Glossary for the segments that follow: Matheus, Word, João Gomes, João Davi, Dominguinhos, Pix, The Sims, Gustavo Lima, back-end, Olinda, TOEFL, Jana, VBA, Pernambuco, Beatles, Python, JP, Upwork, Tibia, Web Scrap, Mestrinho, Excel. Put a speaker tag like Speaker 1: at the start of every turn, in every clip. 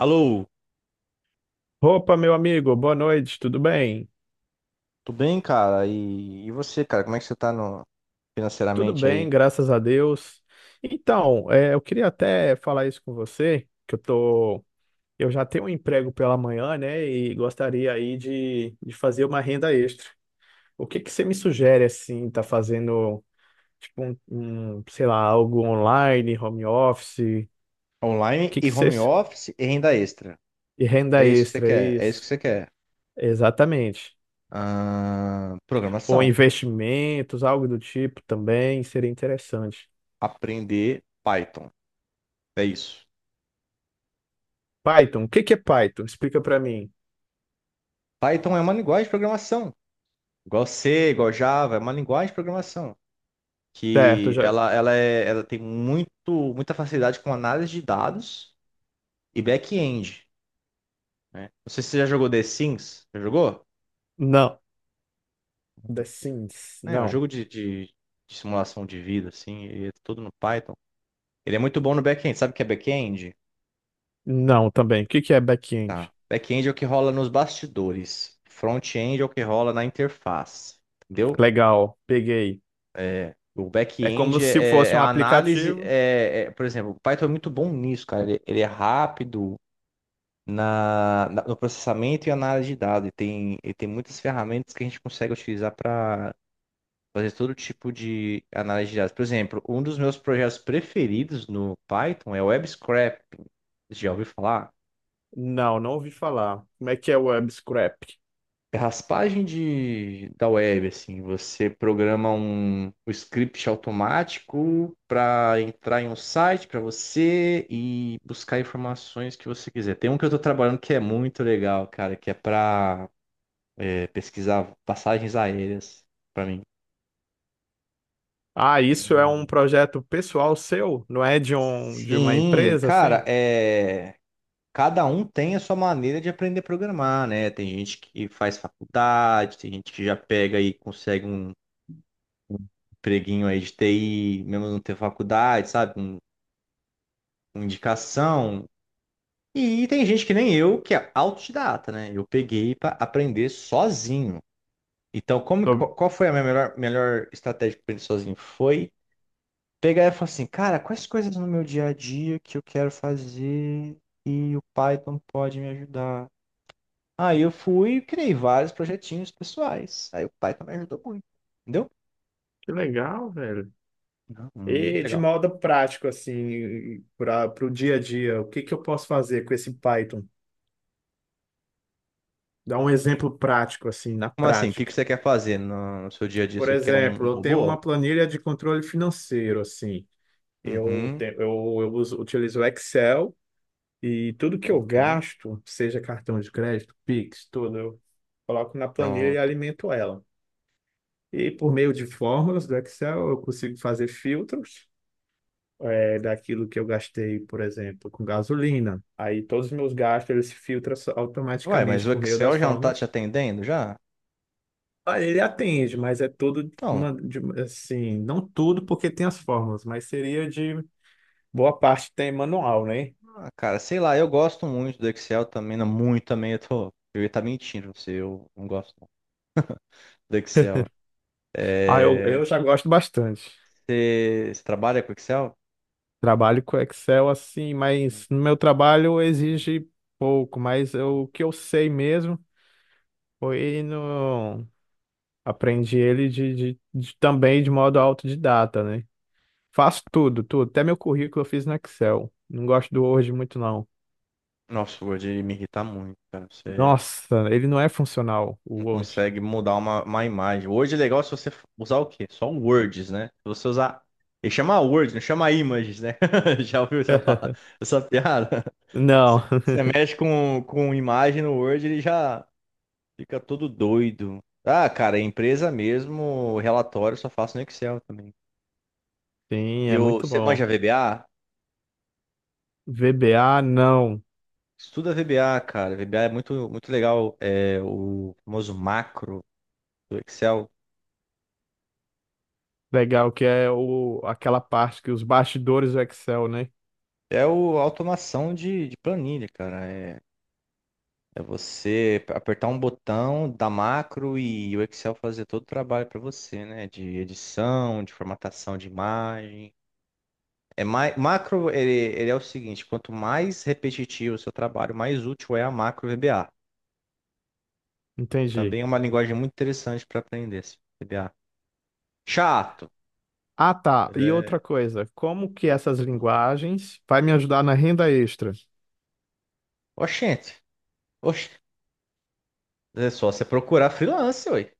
Speaker 1: Alô,
Speaker 2: Opa, meu amigo, boa noite, tudo bem?
Speaker 1: tudo bem, cara? E você, cara, como é que você tá no,
Speaker 2: Tudo
Speaker 1: financeiramente aí?
Speaker 2: bem, graças a Deus. Então, eu queria até falar isso com você, que eu tô, eu já tenho um emprego pela manhã, né, e gostaria aí de fazer uma renda extra. O que que você me sugere, assim, tá fazendo, tipo, um, sei lá, algo online, home office, o
Speaker 1: Online
Speaker 2: que que
Speaker 1: e
Speaker 2: você,
Speaker 1: home office e renda extra.
Speaker 2: e renda
Speaker 1: É isso que você
Speaker 2: extra,
Speaker 1: quer, é isso que
Speaker 2: isso?
Speaker 1: você quer.
Speaker 2: Exatamente. Ou
Speaker 1: Programação.
Speaker 2: investimentos, algo do tipo também, seria interessante.
Speaker 1: Aprender Python. É isso.
Speaker 2: Python, o que que é Python? Explica pra mim.
Speaker 1: Python é uma linguagem de programação. Igual C, igual Java, é uma linguagem de programação.
Speaker 2: Certo,
Speaker 1: Que
Speaker 2: já.
Speaker 1: ela tem muita facilidade com análise de dados e back-end, né? Não sei se você já jogou The Sims. Já jogou?
Speaker 2: Não. The Sims.
Speaker 1: É, o
Speaker 2: Não.
Speaker 1: jogo de simulação de vida, assim, e é tudo no Python. Ele é muito bom no back-end. Sabe o que é back-end?
Speaker 2: Não, também. O que que é
Speaker 1: Tá.
Speaker 2: back-end?
Speaker 1: Back-end é o que rola nos bastidores. Front-end é o que rola na interface. Entendeu?
Speaker 2: Legal, peguei.
Speaker 1: É, o
Speaker 2: É como
Speaker 1: back-end é,
Speaker 2: se
Speaker 1: é
Speaker 2: fosse
Speaker 1: é
Speaker 2: um
Speaker 1: a análise.
Speaker 2: aplicativo?
Speaker 1: Por exemplo, o Python é muito bom nisso, cara. Ele é rápido no processamento e análise de dados. Ele tem muitas ferramentas que a gente consegue utilizar para fazer todo tipo de análise de dados. Por exemplo, um dos meus projetos preferidos no Python é o web scraping. Já ouviu falar?
Speaker 2: Não, não ouvi falar. Como é que é o Web Scrap?
Speaker 1: É raspagem da web, assim, você programa um script automático para entrar em um site para você e buscar informações que você quiser. Tem um que eu estou trabalhando que é muito legal, cara, que é para pesquisar passagens aéreas para mim.
Speaker 2: Ah, isso é um
Speaker 1: um-
Speaker 2: projeto pessoal seu? Não é de uma
Speaker 1: Sim,
Speaker 2: empresa
Speaker 1: cara,
Speaker 2: assim?
Speaker 1: é. Cada um tem a sua maneira de aprender a programar, né? Tem gente que faz faculdade, tem gente que já pega e consegue um empreguinho aí de TI, mesmo não ter faculdade, sabe? Com indicação. E tem gente que nem eu, que é autodidata, né? Eu peguei para aprender sozinho. Então,
Speaker 2: Tô-
Speaker 1: qual foi a minha melhor estratégia para aprender sozinho? Foi pegar e falar assim, cara, quais coisas no meu dia a dia que eu quero fazer e o Python pode me ajudar? Aí eu fui e criei vários projetinhos pessoais. Aí o pai também ajudou muito, entendeu?
Speaker 2: Que legal, velho.
Speaker 1: Não, muito
Speaker 2: E de
Speaker 1: legal.
Speaker 2: modo prático assim, para o dia a dia, o que que eu posso fazer com esse Python? Dá um exemplo prático assim, na
Speaker 1: Como assim? O que que
Speaker 2: prática.
Speaker 1: você quer fazer no seu dia a dia?
Speaker 2: Por
Speaker 1: Você quer um
Speaker 2: exemplo, eu tenho
Speaker 1: robô?
Speaker 2: uma planilha de controle financeiro, assim. Eu,
Speaker 1: Uhum,
Speaker 2: te- eu, eu uso, utilizo o Excel e tudo que eu
Speaker 1: uhum,
Speaker 2: gasto, seja cartão de crédito, Pix, tudo, eu coloco na planilha e
Speaker 1: pronto.
Speaker 2: alimento ela. E por meio de fórmulas do Excel, eu consigo fazer filtros daquilo que eu gastei, por exemplo, com gasolina. Aí todos os meus gastos, eles se filtram
Speaker 1: Ué, mas
Speaker 2: automaticamente
Speaker 1: o
Speaker 2: por meio
Speaker 1: Excel
Speaker 2: das
Speaker 1: já não tá te
Speaker 2: fórmulas.
Speaker 1: atendendo já?
Speaker 2: Olha, ele atende, mas é tudo de
Speaker 1: Então,
Speaker 2: man- de- assim, não tudo porque tem as fórmulas, mas seria de boa parte tem manual, né?
Speaker 1: ah, cara, sei lá, eu gosto muito do Excel também, não muito também, eu ia estar mentindo pra você, eu não gosto não do Excel.
Speaker 2: Ah,
Speaker 1: É,
Speaker 2: eu já gosto bastante.
Speaker 1: você trabalha com Excel?
Speaker 2: Trabalho com Excel assim, mas no meu trabalho exige pouco, mas eu- o que eu sei mesmo foi no aprendi ele também de modo autodidata, né? Faço tudo, tudo, até meu currículo eu fiz no Excel. Não gosto do Word muito não.
Speaker 1: Nossa, o Word me irrita muito, cara, você...
Speaker 2: Nossa, ele não é funcional, o
Speaker 1: Não
Speaker 2: Word.
Speaker 1: consegue mudar uma imagem. Word é legal se você usar o quê? Só um words, né? Se você usar. Ele chama Word, não chama images, né? Já ouviu essa, essa piada?
Speaker 2: Não,
Speaker 1: Você mexe com imagem no Word, ele já fica todo doido. Ah, cara, é empresa mesmo, relatório eu só faço no Excel também.
Speaker 2: sim, é muito
Speaker 1: Você
Speaker 2: bom.
Speaker 1: manja VBA?
Speaker 2: VBA, não.
Speaker 1: Estuda VBA, cara. VBA é muito, muito legal. É o famoso macro do Excel.
Speaker 2: Legal, que é o, aquela parte que os bastidores do Excel, né?
Speaker 1: É o a automação de planilha, cara. É você apertar um botão da macro e o Excel fazer todo o trabalho para você, né? De edição, de formatação de imagem. É mais, macro, ele é o seguinte, quanto mais repetitivo o seu trabalho, mais útil é a macro VBA.
Speaker 2: Entendi.
Speaker 1: Também é uma linguagem muito interessante para aprender, esse VBA. Chato,
Speaker 2: Ah, tá.
Speaker 1: mas
Speaker 2: E outra
Speaker 1: é...
Speaker 2: coisa, como que essas linguagens vai me ajudar na renda extra?
Speaker 1: Oxente, oxe, é só você procurar freelance, ué.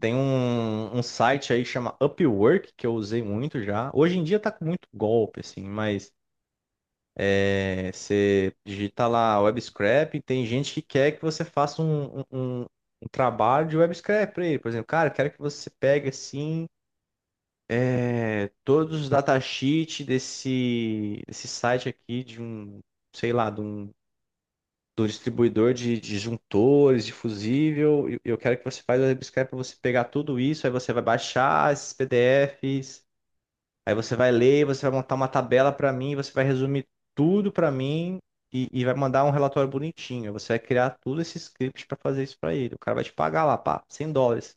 Speaker 1: Tem um site aí que chama Upwork, que eu usei muito já. Hoje em dia tá com muito golpe, assim, mas... É, você digita lá web scrap, tem gente que quer que você faça um trabalho de web scrap para ele. Por exemplo, cara, eu quero que você pegue assim todos os datasheets desse site aqui de um, sei lá, de um distribuidor de juntores, de fusível. E eu quero que você faça o web scrap para você pegar tudo isso, aí você vai baixar esses PDFs. Aí você vai ler, você vai montar uma tabela para mim, você vai resumir tudo para mim e vai mandar um relatório bonitinho. Você vai criar tudo esse script para fazer isso para ele. O cara vai te pagar lá, pá, US$ 100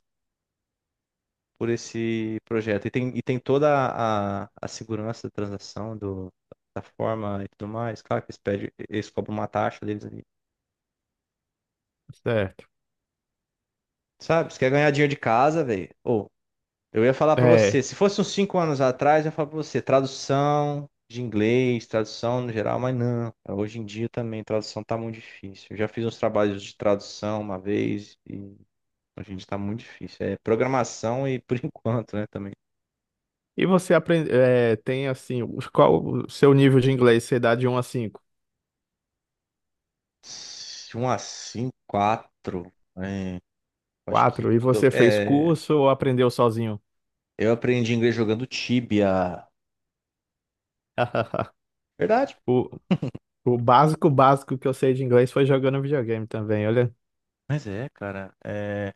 Speaker 1: por esse projeto. E tem toda a segurança da transação, da forma e tudo mais. Claro que eles pedem, eles cobram uma taxa deles ali.
Speaker 2: Certo.
Speaker 1: Sabe? Você quer ganhar dinheiro de casa, velho? Ou Eu ia falar pra você,
Speaker 2: É.
Speaker 1: se fosse uns 5 anos atrás, eu ia falar pra você, tradução de inglês, tradução no geral, mas não. Hoje em dia também, tradução tá muito difícil. Eu já fiz uns trabalhos de tradução uma vez e hoje em dia tá muito difícil. É programação e por enquanto, né, também.
Speaker 2: E você aprende, tem assim, os- qual o seu nível de inglês? Você dá de um a 5?
Speaker 1: Se Um a cinco, quatro. É, acho que
Speaker 2: 4. E
Speaker 1: quando
Speaker 2: você fez curso ou aprendeu sozinho?
Speaker 1: eu aprendi inglês jogando Tibia. Verdade.
Speaker 2: O, o básico, básico que eu sei de inglês foi jogando videogame também, olha.
Speaker 1: Mas é, cara. é,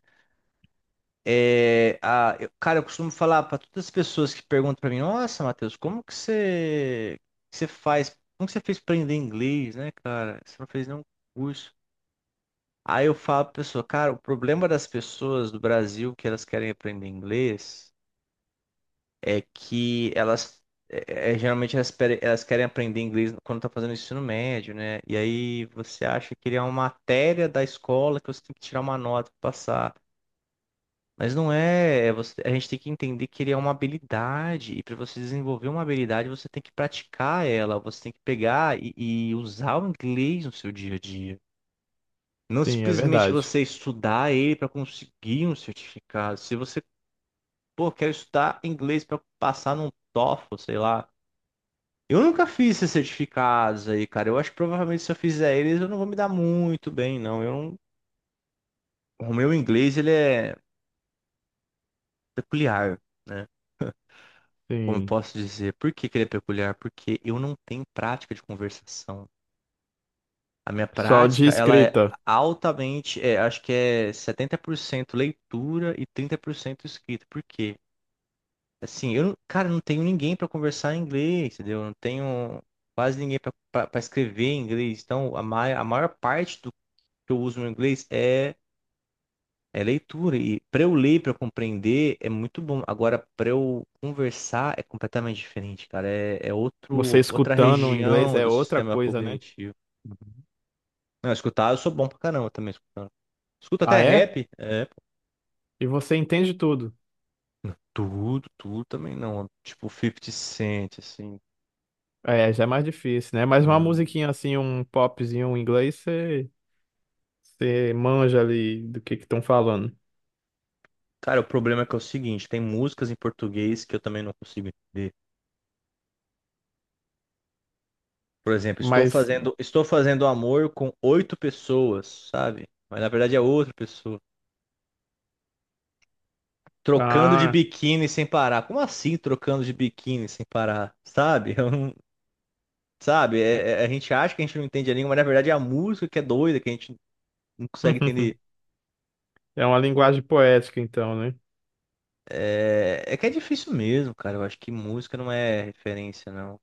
Speaker 1: É, a, eu- cara, eu costumo falar para todas as pessoas que perguntam para mim, nossa, Matheus, que você faz, como que você fez para aprender inglês, né, cara? Você não fez nenhum curso. Aí eu falo pra pessoa, cara, o problema das pessoas do Brasil que elas querem aprender inglês é que elas, geralmente elas querem aprender inglês quando tá fazendo ensino médio, né? E aí você acha que ele é uma matéria da escola que você tem que tirar uma nota para passar. Mas não é, a gente tem que entender que ele é uma habilidade, e para você desenvolver uma habilidade, você tem que praticar ela, você tem que pegar e usar o inglês no seu dia a dia. Não
Speaker 2: Sim, é
Speaker 1: simplesmente
Speaker 2: verdade.
Speaker 1: você estudar ele para conseguir um certificado. Se você, pô, quer estudar inglês para passar num TOEFL, sei lá. Eu nunca fiz esses certificados aí, cara. Eu acho que provavelmente se eu fizer eles, eu não vou me dar muito bem, não. Eu não- O meu inglês, ele é peculiar, né? Como eu
Speaker 2: Sim.
Speaker 1: posso dizer? Por que que ele é peculiar? Porque eu não tenho prática de conversação. A minha
Speaker 2: Só de
Speaker 1: prática, ela é
Speaker 2: escrita.
Speaker 1: altamente, acho que é 70% leitura e 30% escrita. Por quê? Assim, eu, não- cara, eu não tenho ninguém para conversar em inglês, entendeu? Eu não tenho quase ninguém para escrever em inglês. Então, a maior parte do que eu uso no inglês é leitura, e para eu ler, para eu compreender, é muito bom. Agora, para eu conversar, é completamente diferente, cara. É, é
Speaker 2: Você
Speaker 1: outra
Speaker 2: escutando o inglês
Speaker 1: região
Speaker 2: é
Speaker 1: do
Speaker 2: outra
Speaker 1: sistema
Speaker 2: coisa, né?
Speaker 1: cognitivo. Não, escutar, eu sou bom pra caramba também escutando. Escuto até
Speaker 2: Ah, é?
Speaker 1: rap.
Speaker 2: E você entende tudo.
Speaker 1: Tudo, tudo também não. Tipo, 50 Cent, assim.
Speaker 2: É, já é mais difícil, né? Mas uma
Speaker 1: Não.
Speaker 2: musiquinha assim, um popzinho em inglês, você, você manja ali do que estão falando.
Speaker 1: Cara, o problema é que é o seguinte, tem músicas em português que eu também não consigo entender. Por exemplo,
Speaker 2: Mas,
Speaker 1: estou fazendo amor com oito pessoas, sabe? Mas na verdade é outra pessoa. Trocando de
Speaker 2: ah,
Speaker 1: biquíni sem parar. Como assim trocando de biquíni sem parar? Sabe? Eu não- sabe? A gente acha que a gente não entende a língua, mas na verdade é a música que é doida, que a gente não consegue entender.
Speaker 2: é uma linguagem poética então, né?
Speaker 1: É, é que é difícil mesmo, cara. Eu acho que música não é referência, não.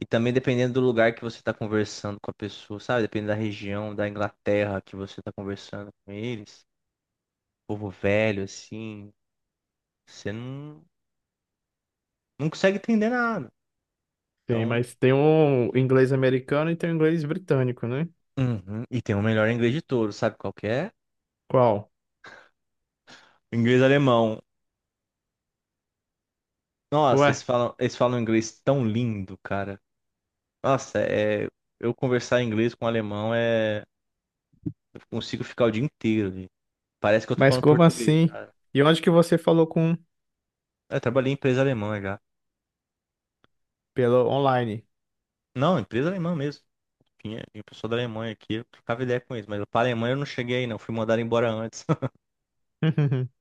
Speaker 1: E também dependendo do lugar que você tá conversando com a pessoa, sabe? Dependendo da região, da Inglaterra que você tá conversando com eles. Povo velho, assim. Você não consegue entender nada.
Speaker 2: Sim,
Speaker 1: Então,
Speaker 2: mas tem um inglês americano e tem um inglês britânico, né?
Speaker 1: uhum. E tem o melhor inglês de todos, sabe qual que é?
Speaker 2: Qual?
Speaker 1: Inglês e alemão. Nossa,
Speaker 2: Ué,
Speaker 1: eles falam inglês tão lindo, cara. Nossa, eu conversar inglês com alemão é. Eu consigo ficar o dia inteiro ali. Parece que eu tô
Speaker 2: mas
Speaker 1: falando
Speaker 2: como
Speaker 1: português,
Speaker 2: assim?
Speaker 1: cara.
Speaker 2: E onde que você falou com?
Speaker 1: Eu trabalhei em empresa alemã já.
Speaker 2: Pelo online.
Speaker 1: Não, empresa alemã mesmo. Tinha pessoa da Alemanha aqui, eu trocava ideia com eles, mas pra Alemanha eu não cheguei aí, não. Fui mandado embora antes.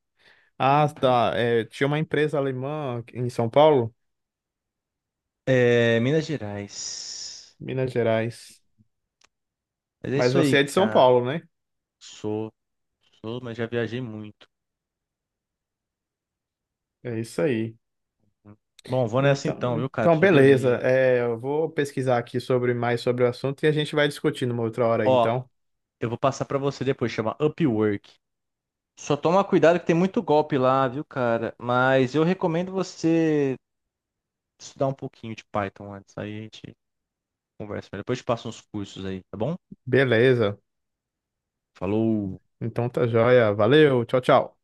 Speaker 2: Ah, tá. É, tinha uma empresa alemã em São Paulo,
Speaker 1: É, Minas Gerais.
Speaker 2: Minas Gerais.
Speaker 1: Mas é
Speaker 2: Mas
Speaker 1: isso
Speaker 2: você
Speaker 1: aí,
Speaker 2: é de São
Speaker 1: cara.
Speaker 2: Paulo, né?
Speaker 1: Sou, sou, mas já viajei muito.
Speaker 2: É isso aí.
Speaker 1: Bom, vou nessa
Speaker 2: Então,
Speaker 1: então, viu, cara?
Speaker 2: então
Speaker 1: Preciso dormir
Speaker 2: beleza.
Speaker 1: aí.
Speaker 2: É, eu vou pesquisar aqui sobre mais sobre o assunto e a gente vai discutindo uma outra hora,
Speaker 1: Ó,
Speaker 2: então.
Speaker 1: eu vou passar pra você depois, chama Upwork. Só toma cuidado que tem muito golpe lá, viu, cara? Mas eu recomendo você estudar um pouquinho de Python antes. Aí a gente conversa melhor. Depois eu te passo uns cursos aí, tá bom?
Speaker 2: Beleza.
Speaker 1: Falou!
Speaker 2: Então tá joia. Valeu. Tchau, tchau.